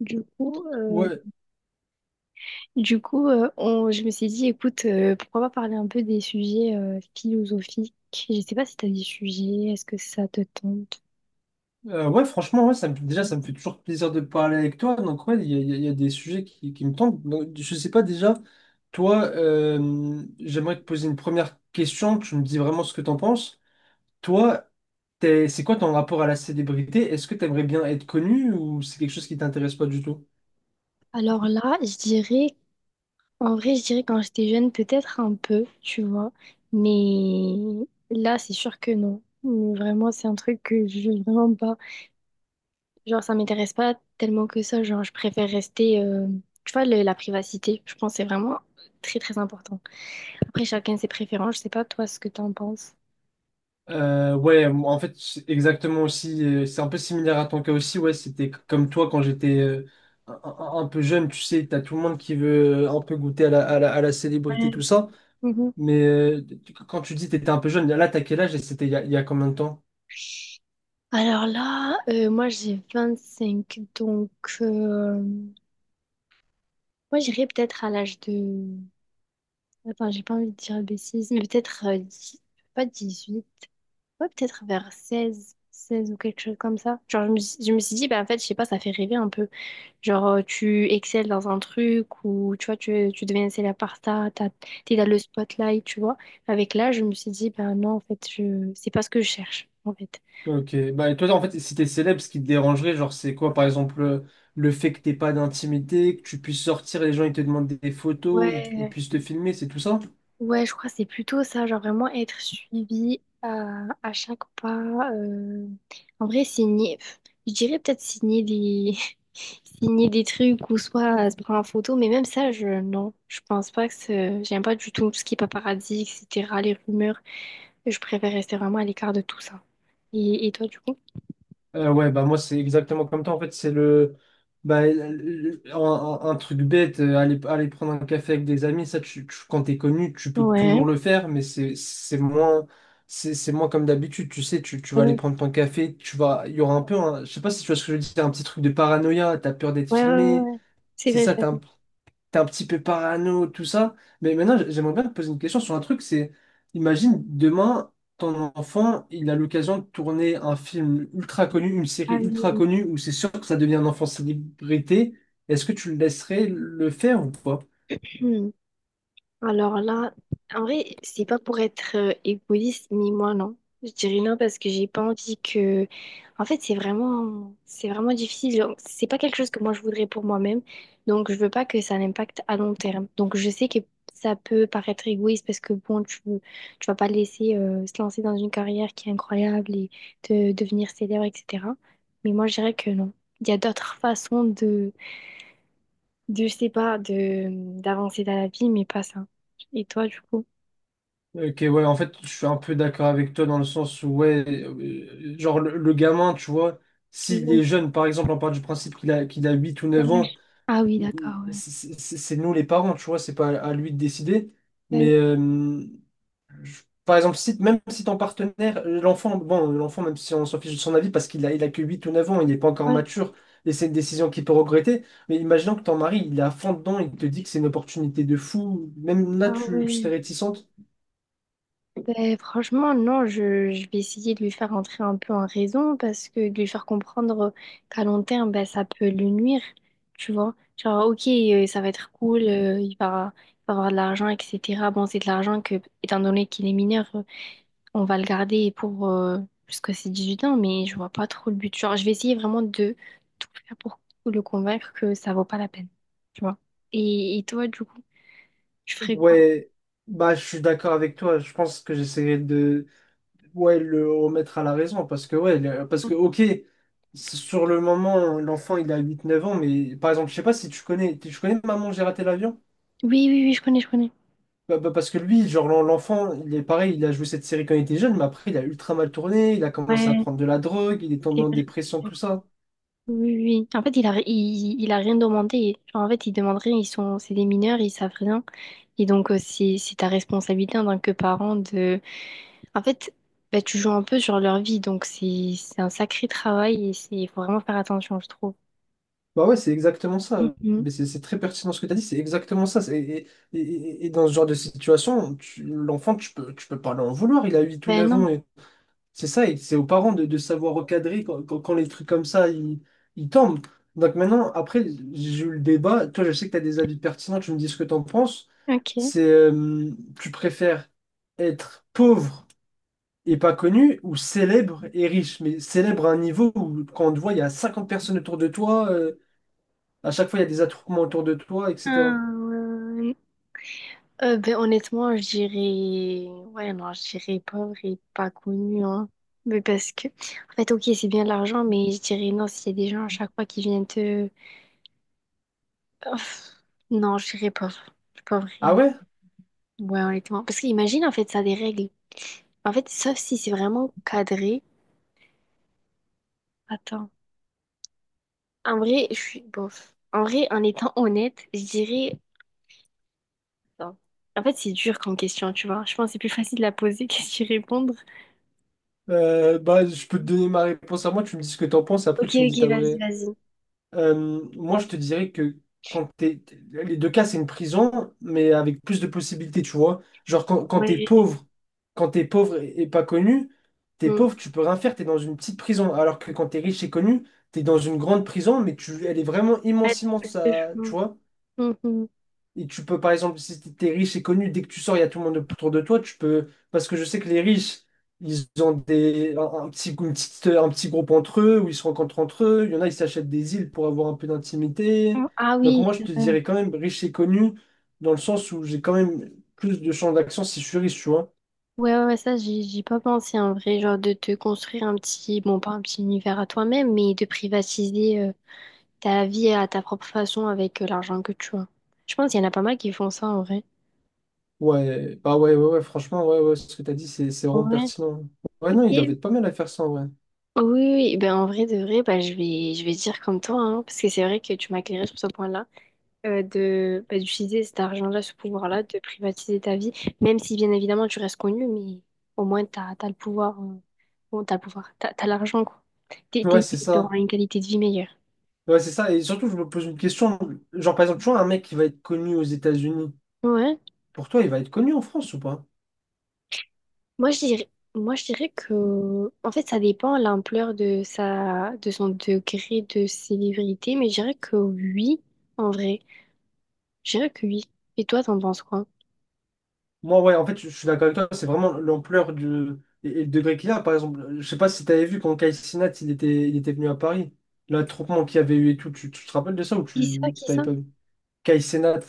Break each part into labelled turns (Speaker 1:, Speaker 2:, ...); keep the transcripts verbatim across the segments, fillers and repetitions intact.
Speaker 1: Du coup, euh,
Speaker 2: Ouais,
Speaker 1: du coup euh, on- je me suis dit, écoute, euh, pourquoi pas parler un peu des sujets euh, philosophiques. Je sais pas si tu as des sujets, est-ce que ça te tente?
Speaker 2: euh, ouais, franchement, ouais, ça me, déjà, ça me fait toujours plaisir de parler avec toi. Donc, ouais, il y a, il y a- il y a des sujets qui, qui me tentent. Donc, je sais pas déjà, toi, euh, j'aimerais te poser une première question. Tu me dis vraiment ce que t'en penses. Toi, t'es- c'est quoi ton rapport à la célébrité? Est-ce que t'aimerais bien être connu ou c'est quelque chose qui t'intéresse pas du tout?
Speaker 1: Alors là, je dirais, en vrai, je dirais quand j'étais jeune, peut-être un peu, tu vois, mais là, c'est sûr que non. Mais vraiment, c'est un truc que je veux vraiment pas. Genre, ça m'intéresse pas tellement que ça. Genre, je préfère rester, euh, tu vois, le- la privacité, je pense, que c'est vraiment très, très important. Après, chacun ses préférences. Je sais pas, toi, ce que t'en penses.
Speaker 2: Euh, ouais, moi, en fait, c'est exactement aussi. euh, C'est un peu similaire à ton cas aussi. Ouais, c'était c- comme toi quand j'étais euh, un, un- un peu jeune. Tu sais, t'as tout le monde qui veut euh, un peu goûter à la, à la, à la célébrité,
Speaker 1: Euh,
Speaker 2: tout ça.
Speaker 1: mhm.
Speaker 2: Mais euh, tu- quand tu dis t'étais un peu jeune, là, t'as quel âge et c'était il y a, il y a combien de temps?
Speaker 1: Alors là, euh, moi j'ai vingt-cinq, donc euh, moi j'irais peut-être à l'âge de... Attends, j'ai pas envie de dire bêtise, mais peut-être euh, dix- pas dix-huit, ouais peut-être vers seize, seize ou quelque chose comme ça. Genre je me, suis- je me suis dit, bah en fait, je sais pas, ça fait rêver un peu. Genre euh, tu excelles dans un truc ou tu vois, tu, tu deviens célèbre par ça, t'as- t'es dans le spotlight, tu vois. Avec l'âge, je me suis dit, bah non, en fait, je... c'est pas ce que je cherche, en fait.
Speaker 2: Ok, bah et toi en fait si t'es célèbre, ce qui te dérangerait, genre c'est quoi par exemple euh, le fait que t'aies pas d'intimité, que tu puisses sortir et les gens ils te demandent des photos, ils, ils
Speaker 1: Ouais.
Speaker 2: puissent te filmer, c'est tout ça?
Speaker 1: Ouais, je crois que c'est plutôt ça, genre vraiment être suivi à, à chaque pas. euh, En vrai, signer, pff, je dirais peut-être signer des... signer des trucs ou soit euh, se prendre en photo, mais même ça, je non, je pense pas que c'est- j'aime pas du tout tout ce qui est paparazzi, et cetera, les rumeurs. Je préfère rester vraiment à l'écart de tout ça. Et, et toi, du coup?
Speaker 2: Euh, ouais, bah moi c'est exactement comme toi. En fait, c'est le, bah, le- un, un- un truc bête, euh, aller, aller prendre un café avec des amis, ça, tu, tu- quand t'es connu, tu peux toujours
Speaker 1: Ouais.
Speaker 2: le faire, mais c'est c'est moins, c'est c'est moins comme d'habitude. Tu sais, tu, tu vas aller
Speaker 1: Ouais,
Speaker 2: prendre ton café, tu vas, il y aura un peu, un- je sais pas si tu vois ce que je veux dire un petit truc de paranoïa, t'as peur d'être
Speaker 1: ouais, ouais,
Speaker 2: filmé,
Speaker 1: ouais. C'est
Speaker 2: c'est
Speaker 1: vrai,
Speaker 2: ça, t'as
Speaker 1: ça.
Speaker 2: un, t'es un petit peu parano, tout ça. Mais maintenant, j- j'aimerais bien te poser une question sur un truc, c'est, imagine, demain, ton enfant, il a l'occasion de tourner un film ultra connu, une série
Speaker 1: Ah
Speaker 2: ultra
Speaker 1: oui.
Speaker 2: connue, où c'est sûr que ça devient un enfant célébrité. Est-ce que tu le laisserais le faire ou pas?
Speaker 1: Hmm. Alors là, en vrai, c'est pas pour être euh, égoïste, mais moi non. Je dirais non parce que j'ai pas envie que. En fait, c'est vraiment, c'est vraiment difficile. Genre, c'est pas quelque chose que moi je voudrais pour moi-même. Donc, je veux pas que ça l'impacte à long terme. Donc, je sais que ça peut paraître égoïste parce que bon, tu, tu vas pas le laisser euh, se lancer dans une carrière qui est incroyable et de devenir célèbre, et cetera. Mais moi, je dirais que non. Il y a d'autres façons de, je sais pas, de d'avancer dans la vie, mais pas ça. Et toi, du coup?
Speaker 2: Ok, ouais, en fait, je suis un peu d'accord avec toi dans le sens où, ouais, euh, genre le, le gamin, tu vois, s'il
Speaker 1: Oui.
Speaker 2: est jeune, par exemple, on part du principe qu'il a, qu'il a huit ou neuf ans,
Speaker 1: Ah oui,
Speaker 2: il-
Speaker 1: d'accord,
Speaker 2: il-
Speaker 1: ouais.
Speaker 2: c'est c'est- c'est nous les parents, tu vois, c'est pas à lui de décider.
Speaker 1: Bah oui,
Speaker 2: Mais euh, Je- Par exemple, si, même si ton partenaire, l'enfant, bon, l'enfant, même si on s'en fiche de son avis, parce qu'il a, il a que huit ou neuf ans, il n'est pas encore
Speaker 1: voilà.
Speaker 2: mature, et c'est une décision qu'il peut regretter, mais imaginons que ton mari, il est à fond dedans, il te dit que c'est une opportunité de fou, même là,
Speaker 1: Ah
Speaker 2: tu, tu
Speaker 1: ouais.
Speaker 2: serais réticente.
Speaker 1: Ben franchement, non, je, je vais essayer de lui faire entrer un peu en raison parce que de lui faire comprendre qu'à long terme, ben ça peut lui nuire, tu vois. Genre, ok, euh, ça va être cool, euh, il va, il va avoir de l'argent, et cetera. Bon, c'est de l'argent que, étant donné qu'il est mineur, on va le garder pour euh, jusqu'à ses huit ans, mais je vois pas trop le but. Genre, je vais essayer vraiment de tout faire pour le convaincre que ça vaut pas la peine. Tu vois. Et, et toi, du coup, tu ferais quoi?
Speaker 2: Ouais, bah, je suis d'accord avec toi, je pense que j'essaierai de, ouais, le remettre à la raison, parce que, ouais, le- parce que, ok, sur le moment, l'enfant, il a huit, neuf ans, mais par exemple, je sais pas si tu connais, tu connais Maman, j'ai raté l'avion?
Speaker 1: Oui, oui, oui, je connais, je connais.
Speaker 2: Bah- bah, parce que lui, genre l'en- l'enfant, il est pareil, il a joué cette série quand il était jeune, mais après il a ultra mal tourné, il a commencé à
Speaker 1: Ouais,
Speaker 2: prendre de la drogue, il est tombé
Speaker 1: c'est
Speaker 2: en
Speaker 1: vrai.
Speaker 2: dépression, tout ça.
Speaker 1: Oui, oui, oui. En fait, il a, il, il a rien demandé. Genre, en fait, ils demandent rien. Ils sont, c'est des mineurs, ils savent rien. Et donc, euh, c'est, c'est ta responsabilité en tant que parent de. En fait, bah, tu joues un peu sur leur vie. Donc, c'est, c'est un sacré travail et c'est, il faut vraiment faire attention, je trouve.
Speaker 2: Bah ouais, c'est exactement ça.
Speaker 1: Mhm.
Speaker 2: Mais c'est c'est très pertinent ce que tu as dit, c'est exactement ça. C'est- Et, et- et- et dans ce genre de situation, tu- l'enfant, tu peux, tu peux pas l'en vouloir. Il a 8 ou
Speaker 1: Ben
Speaker 2: neuf ans.
Speaker 1: non.
Speaker 2: C'est ça, et c'est aux parents de, de savoir recadrer quand, quand- quand les trucs comme ça, ils, ils tombent. Donc maintenant, après, j'ai eu le débat. Toi, je sais que tu as des avis pertinents, tu me dis ce que tu en penses.
Speaker 1: Ok.
Speaker 2: C'est, euh, tu préfères être pauvre et pas connu ou célèbre et riche? Mais célèbre à un niveau où, quand on te voit, il y a cinquante personnes autour de toi, euh, à chaque fois, il y a des attroupements autour de toi, et cetera.
Speaker 1: Euh, euh, ben honnêtement, je dirais... Ouais, non, je dirais pauvre et pas connu, hein. Mais parce que... En fait, ok, c'est bien de l'argent, mais je dirais non, s'il y a des gens à chaque fois qui viennent te... Ouf. Non, je dirais pauvre. Pauvre
Speaker 2: Ah
Speaker 1: et...
Speaker 2: ouais?
Speaker 1: Ouais, honnêtement. Parce qu'imagine, en fait, ça a des règles. En fait, sauf si c'est vraiment cadré. Attends. En vrai, je suis... Bof. En vrai, en étant honnête, je dirais... non. En fait, c'est dur comme question, tu vois. Je pense que c'est plus facile de la poser que d'y répondre.
Speaker 2: Euh, bah, je peux te donner ma réponse à moi, tu me dis ce que tu en penses, et après,
Speaker 1: Ok,
Speaker 2: tu me dis ta
Speaker 1: ok, vas-y,
Speaker 2: vraie.
Speaker 1: vas-y.
Speaker 2: Euh, moi, je te dirais que quand t'es... Les deux cas, c'est une prison, mais avec plus de possibilités, tu vois. Genre, quand, quand
Speaker 1: Ouais,
Speaker 2: t'es
Speaker 1: j'ai-
Speaker 2: pauvre, quand t'es pauvre et, et pas connu, t'es
Speaker 1: hmm.
Speaker 2: pauvre, tu peux rien faire, t'es dans une petite prison. Alors que quand t'es riche et connu, t'es dans une grande prison, mais tu, elle est vraiment
Speaker 1: Ouais,
Speaker 2: immense,
Speaker 1: tomate
Speaker 2: immense,
Speaker 1: de
Speaker 2: à- tu
Speaker 1: chou.
Speaker 2: vois.
Speaker 1: Mhm.
Speaker 2: Et tu peux, par exemple, si t'es riche et connu, dès que tu sors, il y a tout le monde autour de toi, tu peux. Parce que je sais que les riches, ils ont des... un, un petit, une petite- un petit groupe entre eux, où ils se rencontrent entre eux. Il y en a, ils s'achètent des îles pour avoir un peu d'intimité.
Speaker 1: Ah
Speaker 2: Donc
Speaker 1: oui,
Speaker 2: moi, je
Speaker 1: c'est
Speaker 2: te
Speaker 1: vrai.
Speaker 2: dirais quand même riche et connu, dans le sens où j'ai quand même plus de champs d'action si je suis riche, tu vois.
Speaker 1: Ouais, ouais, ouais, ça, j'y j'y ai pas pensé en vrai, genre de te construire un petit, bon, pas un petit univers à toi-même, mais de privatiser euh, ta vie à ta propre façon avec euh, l'argent que tu as. Je pense qu'il y en a pas mal qui font ça en vrai.
Speaker 2: Ouais, bah ouais, ouais, ouais, franchement, ouais, ouais, ce que t'as dit, c'est c'est vraiment
Speaker 1: Ouais.
Speaker 2: pertinent. Ouais,
Speaker 1: Ok.
Speaker 2: non, ils doivent
Speaker 1: Oui,
Speaker 2: être pas mal à faire ça, ouais.
Speaker 1: oui, oui. Ben en vrai de vrai, ben, je vais, je vais dire comme toi, hein, parce que c'est vrai que tu m'as éclairé sur ce point-là. Euh, de bah, d'utiliser cet argent-là, ce pouvoir-là, de privatiser ta vie, même si bien évidemment tu restes connu, mais au moins t'as, t'as le pouvoir, euh, bon, t'as le pouvoir, t'as, t'as l'argent, quoi. T'es, t'es,
Speaker 2: Ouais, c'est
Speaker 1: mieux,
Speaker 2: ça.
Speaker 1: t'auras une qualité de vie meilleure.
Speaker 2: Ouais, c'est ça. Et surtout, je me pose une question. Genre, par exemple, tu vois, un mec qui va être connu aux États-Unis,
Speaker 1: Ouais.
Speaker 2: pour toi, il va être connu en France ou pas?
Speaker 1: Moi, je dirais, moi, je dirais que, en fait, ça dépend l'ampleur de sa, de son degré de célébrité, mais je dirais que oui, en vrai. Je dirais que oui. Et toi, t'en penses quoi?
Speaker 2: Moi, ouais, en fait, je je suis d'accord avec toi. C'est vraiment l'ampleur du... et, et le degré qu'il a. Par exemple, je sais pas si tu avais vu quand Kai Cenat, il était, il était venu à Paris. L'attroupement qu'il y avait eu et tout. Tu, tu te rappelles de ça ou
Speaker 1: Qui ça,
Speaker 2: tu
Speaker 1: qui
Speaker 2: t'avais
Speaker 1: ça?
Speaker 2: pas vu? Kai Cenat.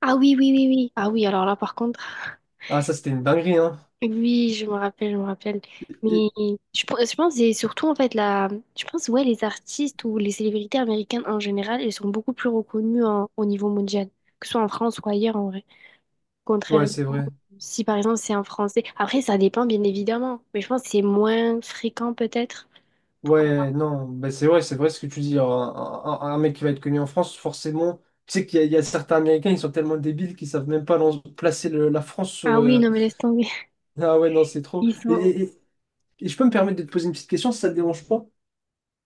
Speaker 1: Ah oui, oui, oui, oui. Ah oui, alors là, par contre.
Speaker 2: Ah, ça, c'était une dinguerie, hein.
Speaker 1: Oui, je me rappelle, je me rappelle. Mais
Speaker 2: Et-
Speaker 1: je, pense- je pense que c'est surtout en fait la, je pense, ouais, les artistes ou les célébrités américaines en général, elles sont beaucoup plus reconnues en- au niveau mondial, que ce soit en France ou ailleurs en vrai.
Speaker 2: Ouais,
Speaker 1: Contrairement,
Speaker 2: c'est vrai.
Speaker 1: si par exemple c'est un Français, après ça dépend bien évidemment, mais je pense que c'est moins fréquent peut-être. Pourquoi
Speaker 2: Ouais,
Speaker 1: pas.
Speaker 2: non, ben c'est vrai, c'est vrai ce que tu dis. Un, un- un mec qui va être connu en France, forcément, tu sais qu'il y, a il y a certains Américains, ils sont tellement débiles qu'ils savent même pas lan- placer le- la France sur.
Speaker 1: Ah oui,
Speaker 2: euh,
Speaker 1: non mais laisse tomber.
Speaker 2: Ah ouais, non, c'est trop.
Speaker 1: Ils
Speaker 2: Et,
Speaker 1: sont.
Speaker 2: et- et- et je peux me permettre de te poser une petite question si ça te dérange pas.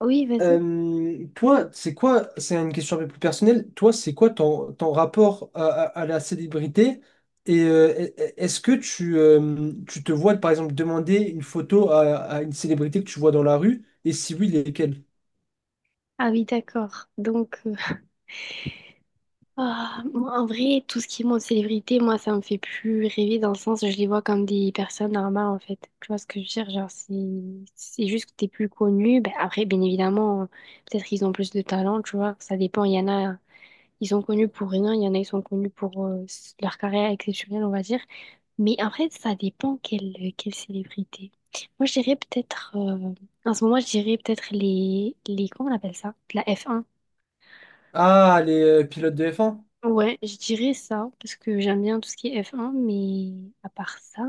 Speaker 1: Oui, vas-y.
Speaker 2: Euh, toi, c'est quoi, c'est une question un peu plus personnelle, toi, c'est quoi ton, ton rapport à, à- à la célébrité? Et euh, e- e- est-ce que tu, euh, tu te vois, par exemple, demander une photo à, à une célébrité que tu vois dans la rue? Et si oui, lesquelles?
Speaker 1: Ah oui, d'accord. Donc. Ah, moi, en vrai, tout ce qui est monde célébrité, moi, ça me fait plus rêver dans le sens, je les vois comme des personnes normales, en fait. Tu vois ce que je veux dire? Genre, c'est, c'est juste que t'es plus connu. Ben, après, bien évidemment, peut-être qu'ils ont plus de talent, tu vois. Ça dépend. Il y en a, ils sont connus pour rien. Il y en a, ils sont connus pour euh, s- leur carrière exceptionnelle, on va dire. Mais en fait, ça dépend quelle, quelle célébrité. Moi, je dirais peut-être, euh, en ce moment, je dirais peut-être les, les, comment on appelle ça? La f un.
Speaker 2: Ah, les euh, pilotes de F un?
Speaker 1: Ouais, je dirais ça, parce que j'aime bien tout ce qui est F un, mais à part ça,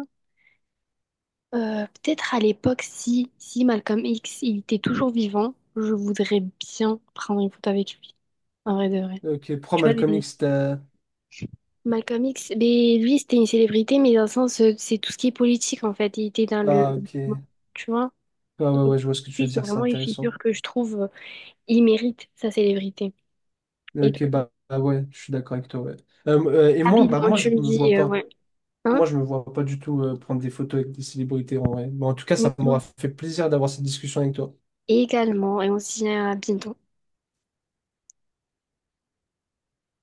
Speaker 1: euh, peut-être à l'époque, si, si Malcolm X, il était toujours vivant, je voudrais bien prendre une photo avec lui, en vrai de vrai.
Speaker 2: Ok, pourquoi
Speaker 1: Tu vois,
Speaker 2: Malcolm
Speaker 1: les...
Speaker 2: X, t'as-
Speaker 1: Malcolm X, mais lui, c'était une célébrité, mais dans le sens, euh, c'est tout ce qui est politique, en fait. Il était dans le...
Speaker 2: Ah, ok. Ouais,
Speaker 1: Tu vois?
Speaker 2: ouais,
Speaker 1: Donc,
Speaker 2: ouais, je vois ce que tu
Speaker 1: lui,
Speaker 2: veux
Speaker 1: c'est
Speaker 2: dire, c'est
Speaker 1: vraiment une
Speaker 2: intéressant.
Speaker 1: figure que je trouve, euh, il mérite sa célébrité. Et
Speaker 2: Ok,
Speaker 1: donc,
Speaker 2: bah, bah ouais, je suis d'accord avec toi, ouais. Euh, euh, et moi, bah
Speaker 1: rapidement,
Speaker 2: moi, je
Speaker 1: tu me
Speaker 2: me vois
Speaker 1: dis, euh,
Speaker 2: pas.
Speaker 1: ouais,
Speaker 2: Moi,
Speaker 1: hein?
Speaker 2: je me vois pas du tout euh, prendre des photos avec des célébrités, en vrai. Mais en tout cas, ça m'aura
Speaker 1: Mhm.
Speaker 2: fait plaisir d'avoir cette discussion avec toi.
Speaker 1: Et également, et on se dit à bientôt.